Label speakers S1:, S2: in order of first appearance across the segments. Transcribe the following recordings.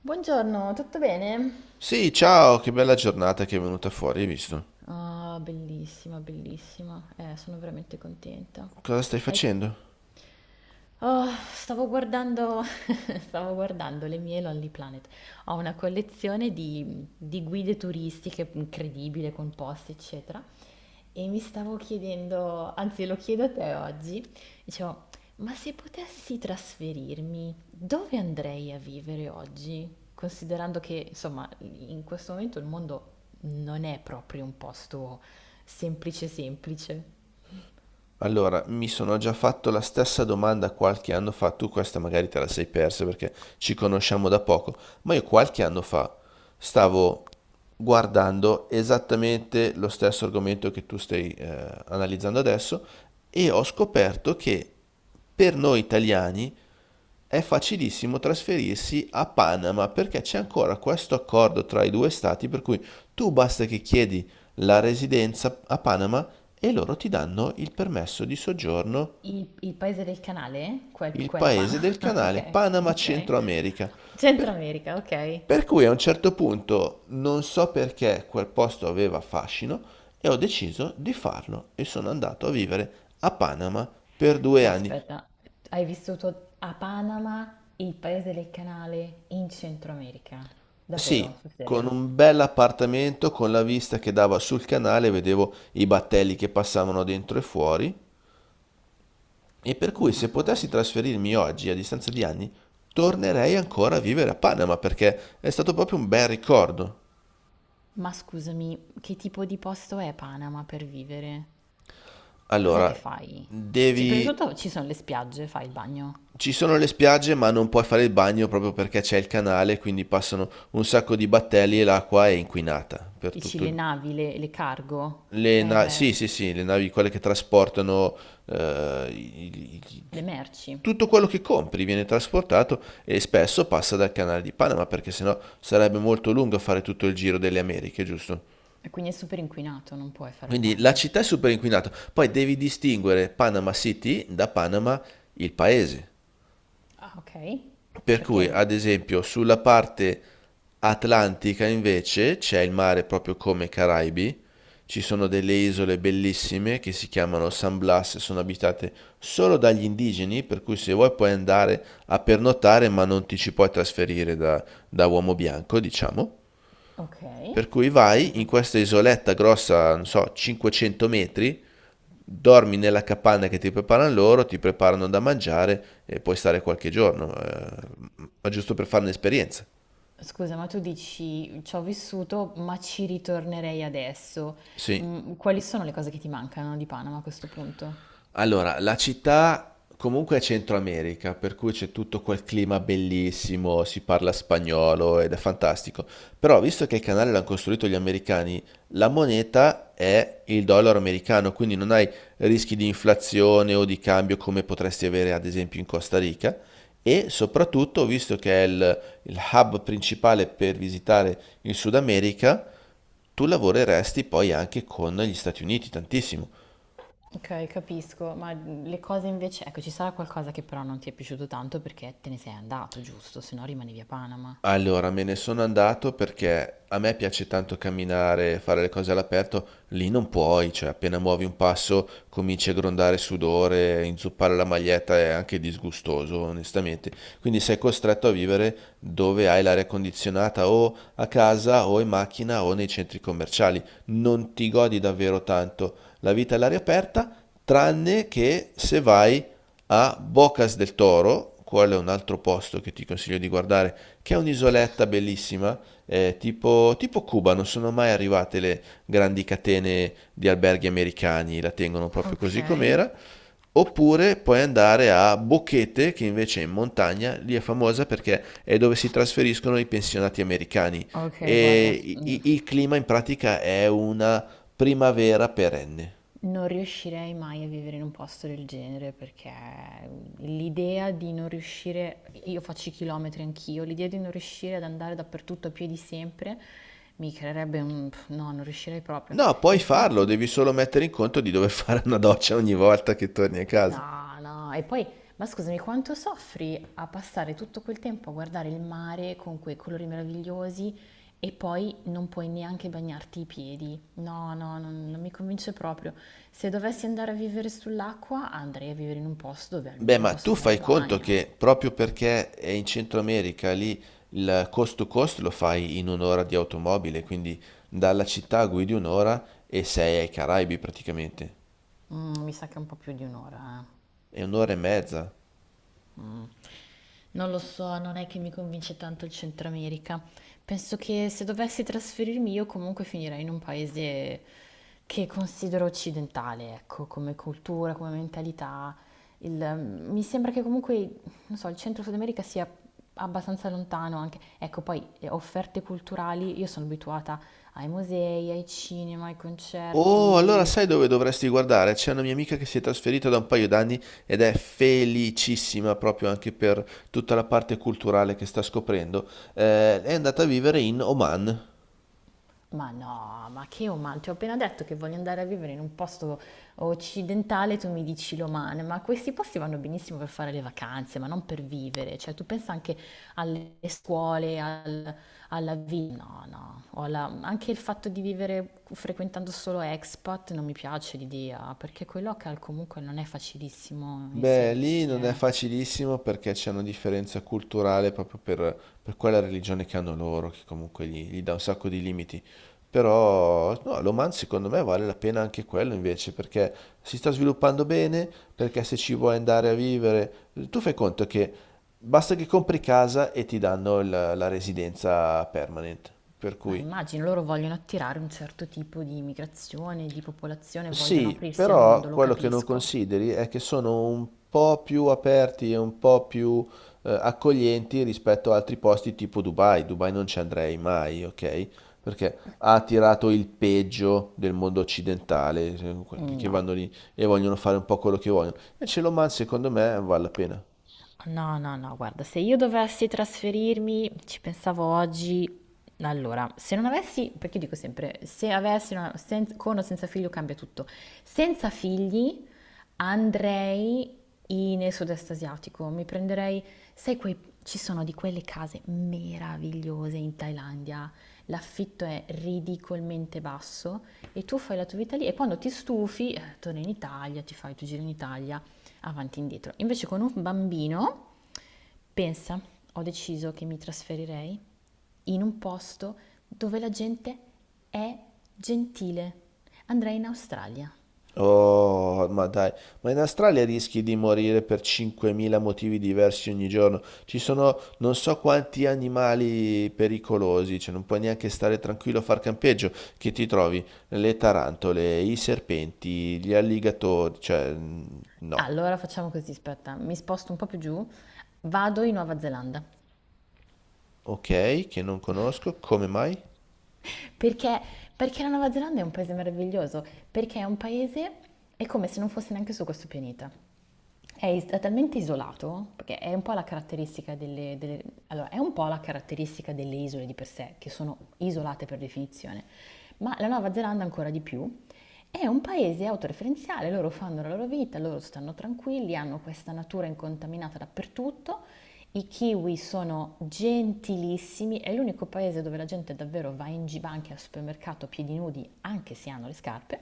S1: Buongiorno, tutto bene?
S2: Sì, ciao, che bella giornata che è venuta fuori, hai visto?
S1: Ah, bellissima, bellissima. Sono veramente contenta.
S2: Cosa stai
S1: Hai-
S2: facendo?
S1: Oh, Stavo guardando, stavo guardando le mie Lonely Planet. Ho una collezione di guide turistiche incredibile, con posti, eccetera. E mi stavo chiedendo, anzi lo chiedo a te oggi, dicevo, ma se potessi trasferirmi, dove andrei a vivere oggi? Considerando che, insomma, in questo momento il mondo non è proprio un posto semplice semplice.
S2: Allora, mi sono già fatto la stessa domanda qualche anno fa, tu questa magari te la sei persa perché ci conosciamo da poco, ma io qualche anno fa stavo guardando esattamente lo stesso argomento che tu stai analizzando adesso e ho scoperto che per noi italiani è facilissimo trasferirsi a Panama perché c'è ancora questo accordo tra i due stati per cui tu basta che chiedi la residenza a Panama e loro ti danno il permesso di soggiorno.
S1: Il paese del canale?
S2: Il
S1: Quella pana.
S2: paese del canale,
S1: Ok,
S2: Panama,
S1: ok.
S2: Centro America.
S1: Centro
S2: Per,
S1: America, ok.
S2: per cui a un certo punto non so perché quel posto aveva fascino e ho deciso di farlo e sono andato a vivere a Panama per due
S1: No,
S2: anni.
S1: aspetta, hai vissuto a Panama, il paese del canale, in Centro America?
S2: Sì,
S1: Davvero? Sul
S2: con
S1: serio?
S2: un bel appartamento con la vista che dava sul canale, vedevo i battelli che passavano dentro e fuori. E per cui se
S1: Mamma
S2: potessi
S1: mia.
S2: trasferirmi oggi, a distanza di anni, tornerei ancora a vivere a Panama perché è stato proprio un bel ricordo.
S1: Ma scusami, che tipo di posto è Panama per vivere? Cos'è che
S2: Allora,
S1: fai? Prima di
S2: devi.
S1: tutto ci sono le spiagge, fai il bagno.
S2: Ci sono le spiagge, ma non puoi fare il bagno proprio perché c'è il canale, quindi passano un sacco di battelli e l'acqua è inquinata per
S1: Dici
S2: tutto
S1: le
S2: il...
S1: navi, le cargo? Eh
S2: Sì,
S1: beh,
S2: sì, sì, le navi, quelle che trasportano eh, i- i- i-
S1: le merci.
S2: tutto quello che compri viene trasportato e spesso passa dal canale di Panama perché sennò sarebbe molto lungo fare tutto il giro delle Americhe, giusto?
S1: E quindi è super inquinato, non puoi fare il
S2: Quindi la
S1: bagno.
S2: città è super inquinata. Poi devi distinguere Panama City da Panama il paese.
S1: Ah, ok.
S2: Per cui, ad
S1: Perché...
S2: esempio, sulla parte atlantica invece c'è il mare proprio come i Caraibi, ci sono delle isole bellissime che si chiamano San Blas, sono abitate solo dagli indigeni, per cui se vuoi puoi andare a pernottare, ma non ti ci puoi trasferire da uomo bianco, diciamo.
S1: Ok.
S2: Per cui vai in questa isoletta grossa, non so, 500 metri. Dormi nella capanna che ti preparano loro, ti preparano da mangiare e puoi stare qualche giorno, ma giusto per fare un'esperienza.
S1: Scusa, ma tu dici ci ho vissuto, ma ci ritornerei adesso.
S2: Sì.
S1: Mm, quali sono le cose che ti mancano di Panama a questo punto?
S2: Allora, la città comunque è Centro America, per cui c'è tutto quel clima bellissimo, si parla spagnolo ed è fantastico. Però, visto che il canale l'hanno costruito gli americani, la moneta è il dollaro americano, quindi non hai rischi di inflazione o di cambio come potresti avere ad esempio in Costa Rica. E soprattutto, visto che è il hub principale per visitare il Sud America, tu lavoreresti poi anche con gli Stati Uniti tantissimo.
S1: Ok, capisco, ma le cose invece, ecco, ci sarà qualcosa che però non ti è piaciuto tanto perché te ne sei andato, giusto? Se no rimanevi a Panama.
S2: Allora, me ne sono andato perché a me piace tanto camminare, fare le cose all'aperto, lì non puoi, cioè appena muovi un passo cominci a grondare sudore, inzuppare la maglietta è anche disgustoso, onestamente. Quindi sei costretto a vivere dove hai l'aria condizionata o a casa o in macchina o nei centri commerciali. Non ti godi davvero tanto la vita all'aria aperta, tranne che se vai a Bocas del Toro, quello è un altro posto che ti consiglio di guardare, che è un'isoletta bellissima, tipo Cuba, non sono mai arrivate le grandi catene di alberghi americani, la tengono proprio così com'era.
S1: Ok.
S2: Oppure puoi andare a Boquete, che invece è in montagna, lì è famosa perché è dove si trasferiscono i pensionati americani
S1: Ok,
S2: e
S1: guarda,
S2: il clima in pratica è una primavera perenne.
S1: non riuscirei mai a vivere in un posto del genere perché l'idea di non riuscire, io faccio i chilometri anch'io, l'idea di non riuscire ad andare dappertutto a piedi sempre mi creerebbe un... no, non riuscirei proprio.
S2: No, puoi farlo,
S1: Infatti,
S2: devi solo mettere in conto di dover fare una doccia ogni volta che torni a casa.
S1: no, no, e poi, ma scusami, quanto soffri a passare tutto quel tempo a guardare il mare con quei colori meravigliosi e poi non puoi neanche bagnarti i piedi? No, no, non mi convince proprio. Se dovessi andare a vivere sull'acqua, andrei a vivere in un posto dove
S2: Beh,
S1: almeno
S2: ma
S1: posso
S2: tu
S1: fare il
S2: fai conto
S1: bagno.
S2: che proprio perché è in Centro America, lì il coast to coast lo fai in un'ora di automobile, quindi dalla città guidi un'ora e sei ai Caraibi praticamente.
S1: Mm, mi sa che è un po' più di un'ora, eh.
S2: È un'ora e mezza.
S1: Mm. Non lo so, non è che mi convince tanto il Centro America. Penso che se dovessi trasferirmi io comunque finirei in un paese che considero occidentale, ecco, come cultura, come mentalità. Il- Mi sembra che comunque, non so, il Centro Sud America sia abbastanza lontano anche. Ecco, poi offerte culturali, io sono abituata ai musei, ai cinema, ai
S2: Oh, allora
S1: concerti.
S2: sai dove dovresti guardare? C'è una mia amica che si è trasferita da un paio d'anni ed è felicissima proprio anche per tutta la parte culturale che sta scoprendo. È andata a vivere in Oman.
S1: Ma no, ma che umano? Ti ho appena detto che voglio andare a vivere in un posto occidentale, tu mi dici l'Oman, ma questi posti vanno benissimo per fare le vacanze, ma non per vivere. Cioè, tu pensa anche alle scuole, alla vita. No, no. Anche il fatto di vivere frequentando solo expat non mi piace l'idea, perché coi local comunque non è facilissimo
S2: Beh, lì
S1: inserirsi,
S2: non è
S1: eh.
S2: facilissimo perché c'è una differenza culturale proprio per quella religione che hanno loro, che comunque gli dà un sacco di limiti. Però, no, l'Oman secondo me vale la pena anche quello invece, perché si sta sviluppando bene, perché se ci vuoi andare a vivere, tu fai conto che basta che compri casa e ti danno la residenza permanent. Per
S1: Ma
S2: cui.
S1: immagino loro vogliono attirare un certo tipo di immigrazione, di popolazione, vogliono
S2: Sì,
S1: aprirsi al
S2: però
S1: mondo, lo
S2: quello che non
S1: capisco.
S2: consideri è che sono un po' più aperti e un po' più accoglienti rispetto a altri posti tipo Dubai. Dubai non ci andrei mai, ok? Perché ha attirato il peggio del mondo occidentale, quelli che
S1: No,
S2: vanno lì e vogliono fare un po' quello che vogliono. Invece l'Oman, secondo me, vale la pena.
S1: no, no, no, guarda, se io dovessi trasferirmi, ci pensavo oggi, allora, se non avessi, perché dico sempre, se avessi una- sen- con o senza figlio cambia tutto, senza figli andrei nel sud-est asiatico, mi prenderei, sai, quei, ci sono di quelle case meravigliose in Thailandia, l'affitto è ridicolmente basso. E tu fai la tua vita lì e quando ti stufi torni in Italia, ti fai il tuo giro in Italia, avanti e indietro. Invece con un bambino, pensa, ho deciso che mi trasferirei in un posto dove la gente è gentile. Andrei in Australia.
S2: Oh, ma dai, ma in Australia rischi di morire per 5.000 motivi diversi ogni giorno. Ci sono non so quanti animali pericolosi, cioè non puoi neanche stare tranquillo a far campeggio, che ti trovi le tarantole, i serpenti, gli alligatori, cioè no.
S1: Allora facciamo così, aspetta, mi sposto un po' più giù, vado in Nuova Zelanda.
S2: Ok, che non conosco, come mai?
S1: Perché? Perché la Nuova Zelanda è un paese meraviglioso, perché è un paese, è come se non fosse neanche su questo pianeta. È talmente isolato, perché è un po' la caratteristica allora, è un po' la caratteristica delle isole di per sé, che sono isolate per definizione, ma la Nuova Zelanda ancora di più, è un paese autoreferenziale, loro fanno la loro vita, loro stanno tranquilli, hanno questa natura incontaminata dappertutto. I kiwi sono gentilissimi, è l'unico paese dove la gente davvero va in giro, anche al supermercato a piedi nudi, anche se hanno le scarpe,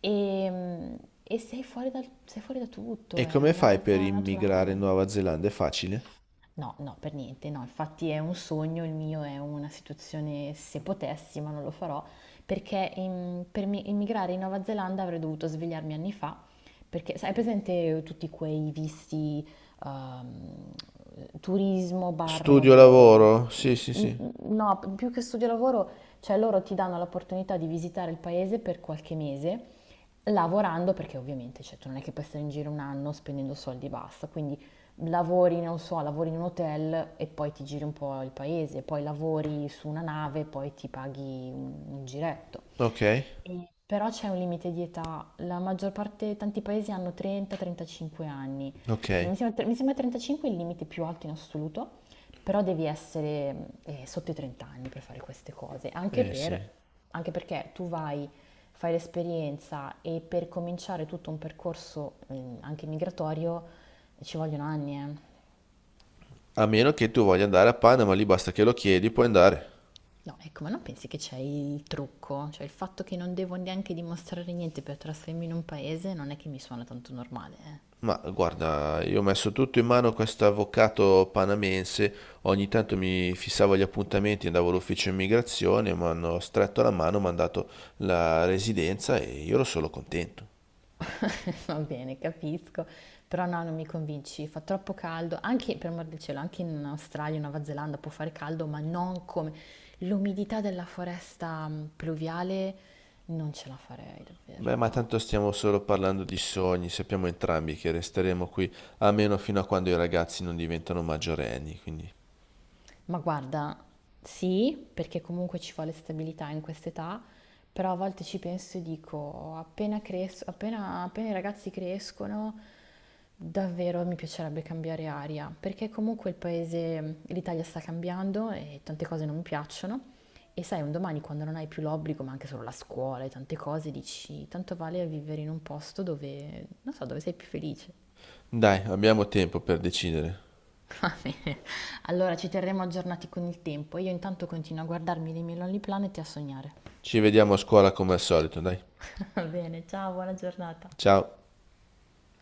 S1: e, e sei fuori sei fuori da tutto,
S2: E
S1: è
S2: come
S1: una
S2: fai per
S1: realtà
S2: immigrare in
S1: naturale.
S2: Nuova Zelanda? È facile?
S1: No, no, per niente, no, infatti è un sogno, il mio è una situazione, se potessi, ma non lo farò, perché immigrare in Nuova Zelanda avrei dovuto svegliarmi anni fa, perché sai, hai presente tutti quei visti ehm, turismo barra
S2: Studio
S1: lavoro?
S2: lavoro? Sì, sì,
S1: Mm,
S2: sì.
S1: no, più che studio lavoro, cioè loro ti danno l'opportunità di visitare il paese per qualche mese, lavorando perché ovviamente, cioè, tu non è che puoi stare in giro un anno spendendo soldi e basta, quindi lavori, non so, lavori in un hotel e poi ti giri un po' il paese, poi lavori su una nave e poi ti paghi un giretto.
S2: Ok,
S1: Però c'è un limite di età, la maggior parte, tanti paesi hanno 30-35 anni. Mi
S2: ok.
S1: sembra, mi sembra 35 il limite più alto in assoluto, però devi essere sotto i 30 anni per fare queste cose, anche,
S2: Eh sì.
S1: anche perché tu vai, fai l'esperienza e per cominciare tutto un percorso anche migratorio ci vogliono anni, eh.
S2: A meno che tu voglia andare a Panama, lì basta che lo chiedi, puoi andare.
S1: No, ecco, ma non pensi che c'è il trucco? Cioè il fatto che non devo neanche dimostrare niente per trasferirmi in un paese non è che mi suona tanto normale, eh.
S2: Ma guarda, io ho messo tutto in mano a questo avvocato panamense, ogni tanto mi fissavo gli appuntamenti, andavo all'ufficio immigrazione, mi hanno stretto la mano, mi hanno dato la residenza e io ero solo contento.
S1: Va bene, capisco, però no, non mi convinci, fa troppo caldo, anche per amor del cielo, anche in Australia, Nuova Zelanda può fare caldo, ma non come l'umidità della foresta pluviale, non ce la farei davvero,
S2: Beh, ma
S1: no.
S2: tanto stiamo solo parlando di sogni, sappiamo entrambi che resteremo qui almeno fino a quando i ragazzi non diventano maggiorenni, quindi
S1: Ma guarda, sì, perché comunque ci vuole stabilità in quest'età, però a volte ci penso e dico, appena, appena i ragazzi crescono, davvero mi piacerebbe cambiare aria, perché comunque il paese, l'Italia sta cambiando e tante cose non mi piacciono. E sai, un domani quando non hai più l'obbligo, ma anche solo la scuola e tante cose, dici, tanto vale vivere in un posto dove, non so, dove sei più felice.
S2: dai, abbiamo tempo per decidere.
S1: Va bene, allora ci terremo aggiornati con il tempo. Io intanto continuo a guardarmi dei miei Lonely Planet e a sognare.
S2: Ci vediamo a scuola come al solito, dai.
S1: Va bene, ciao, buona giornata.
S2: Ciao.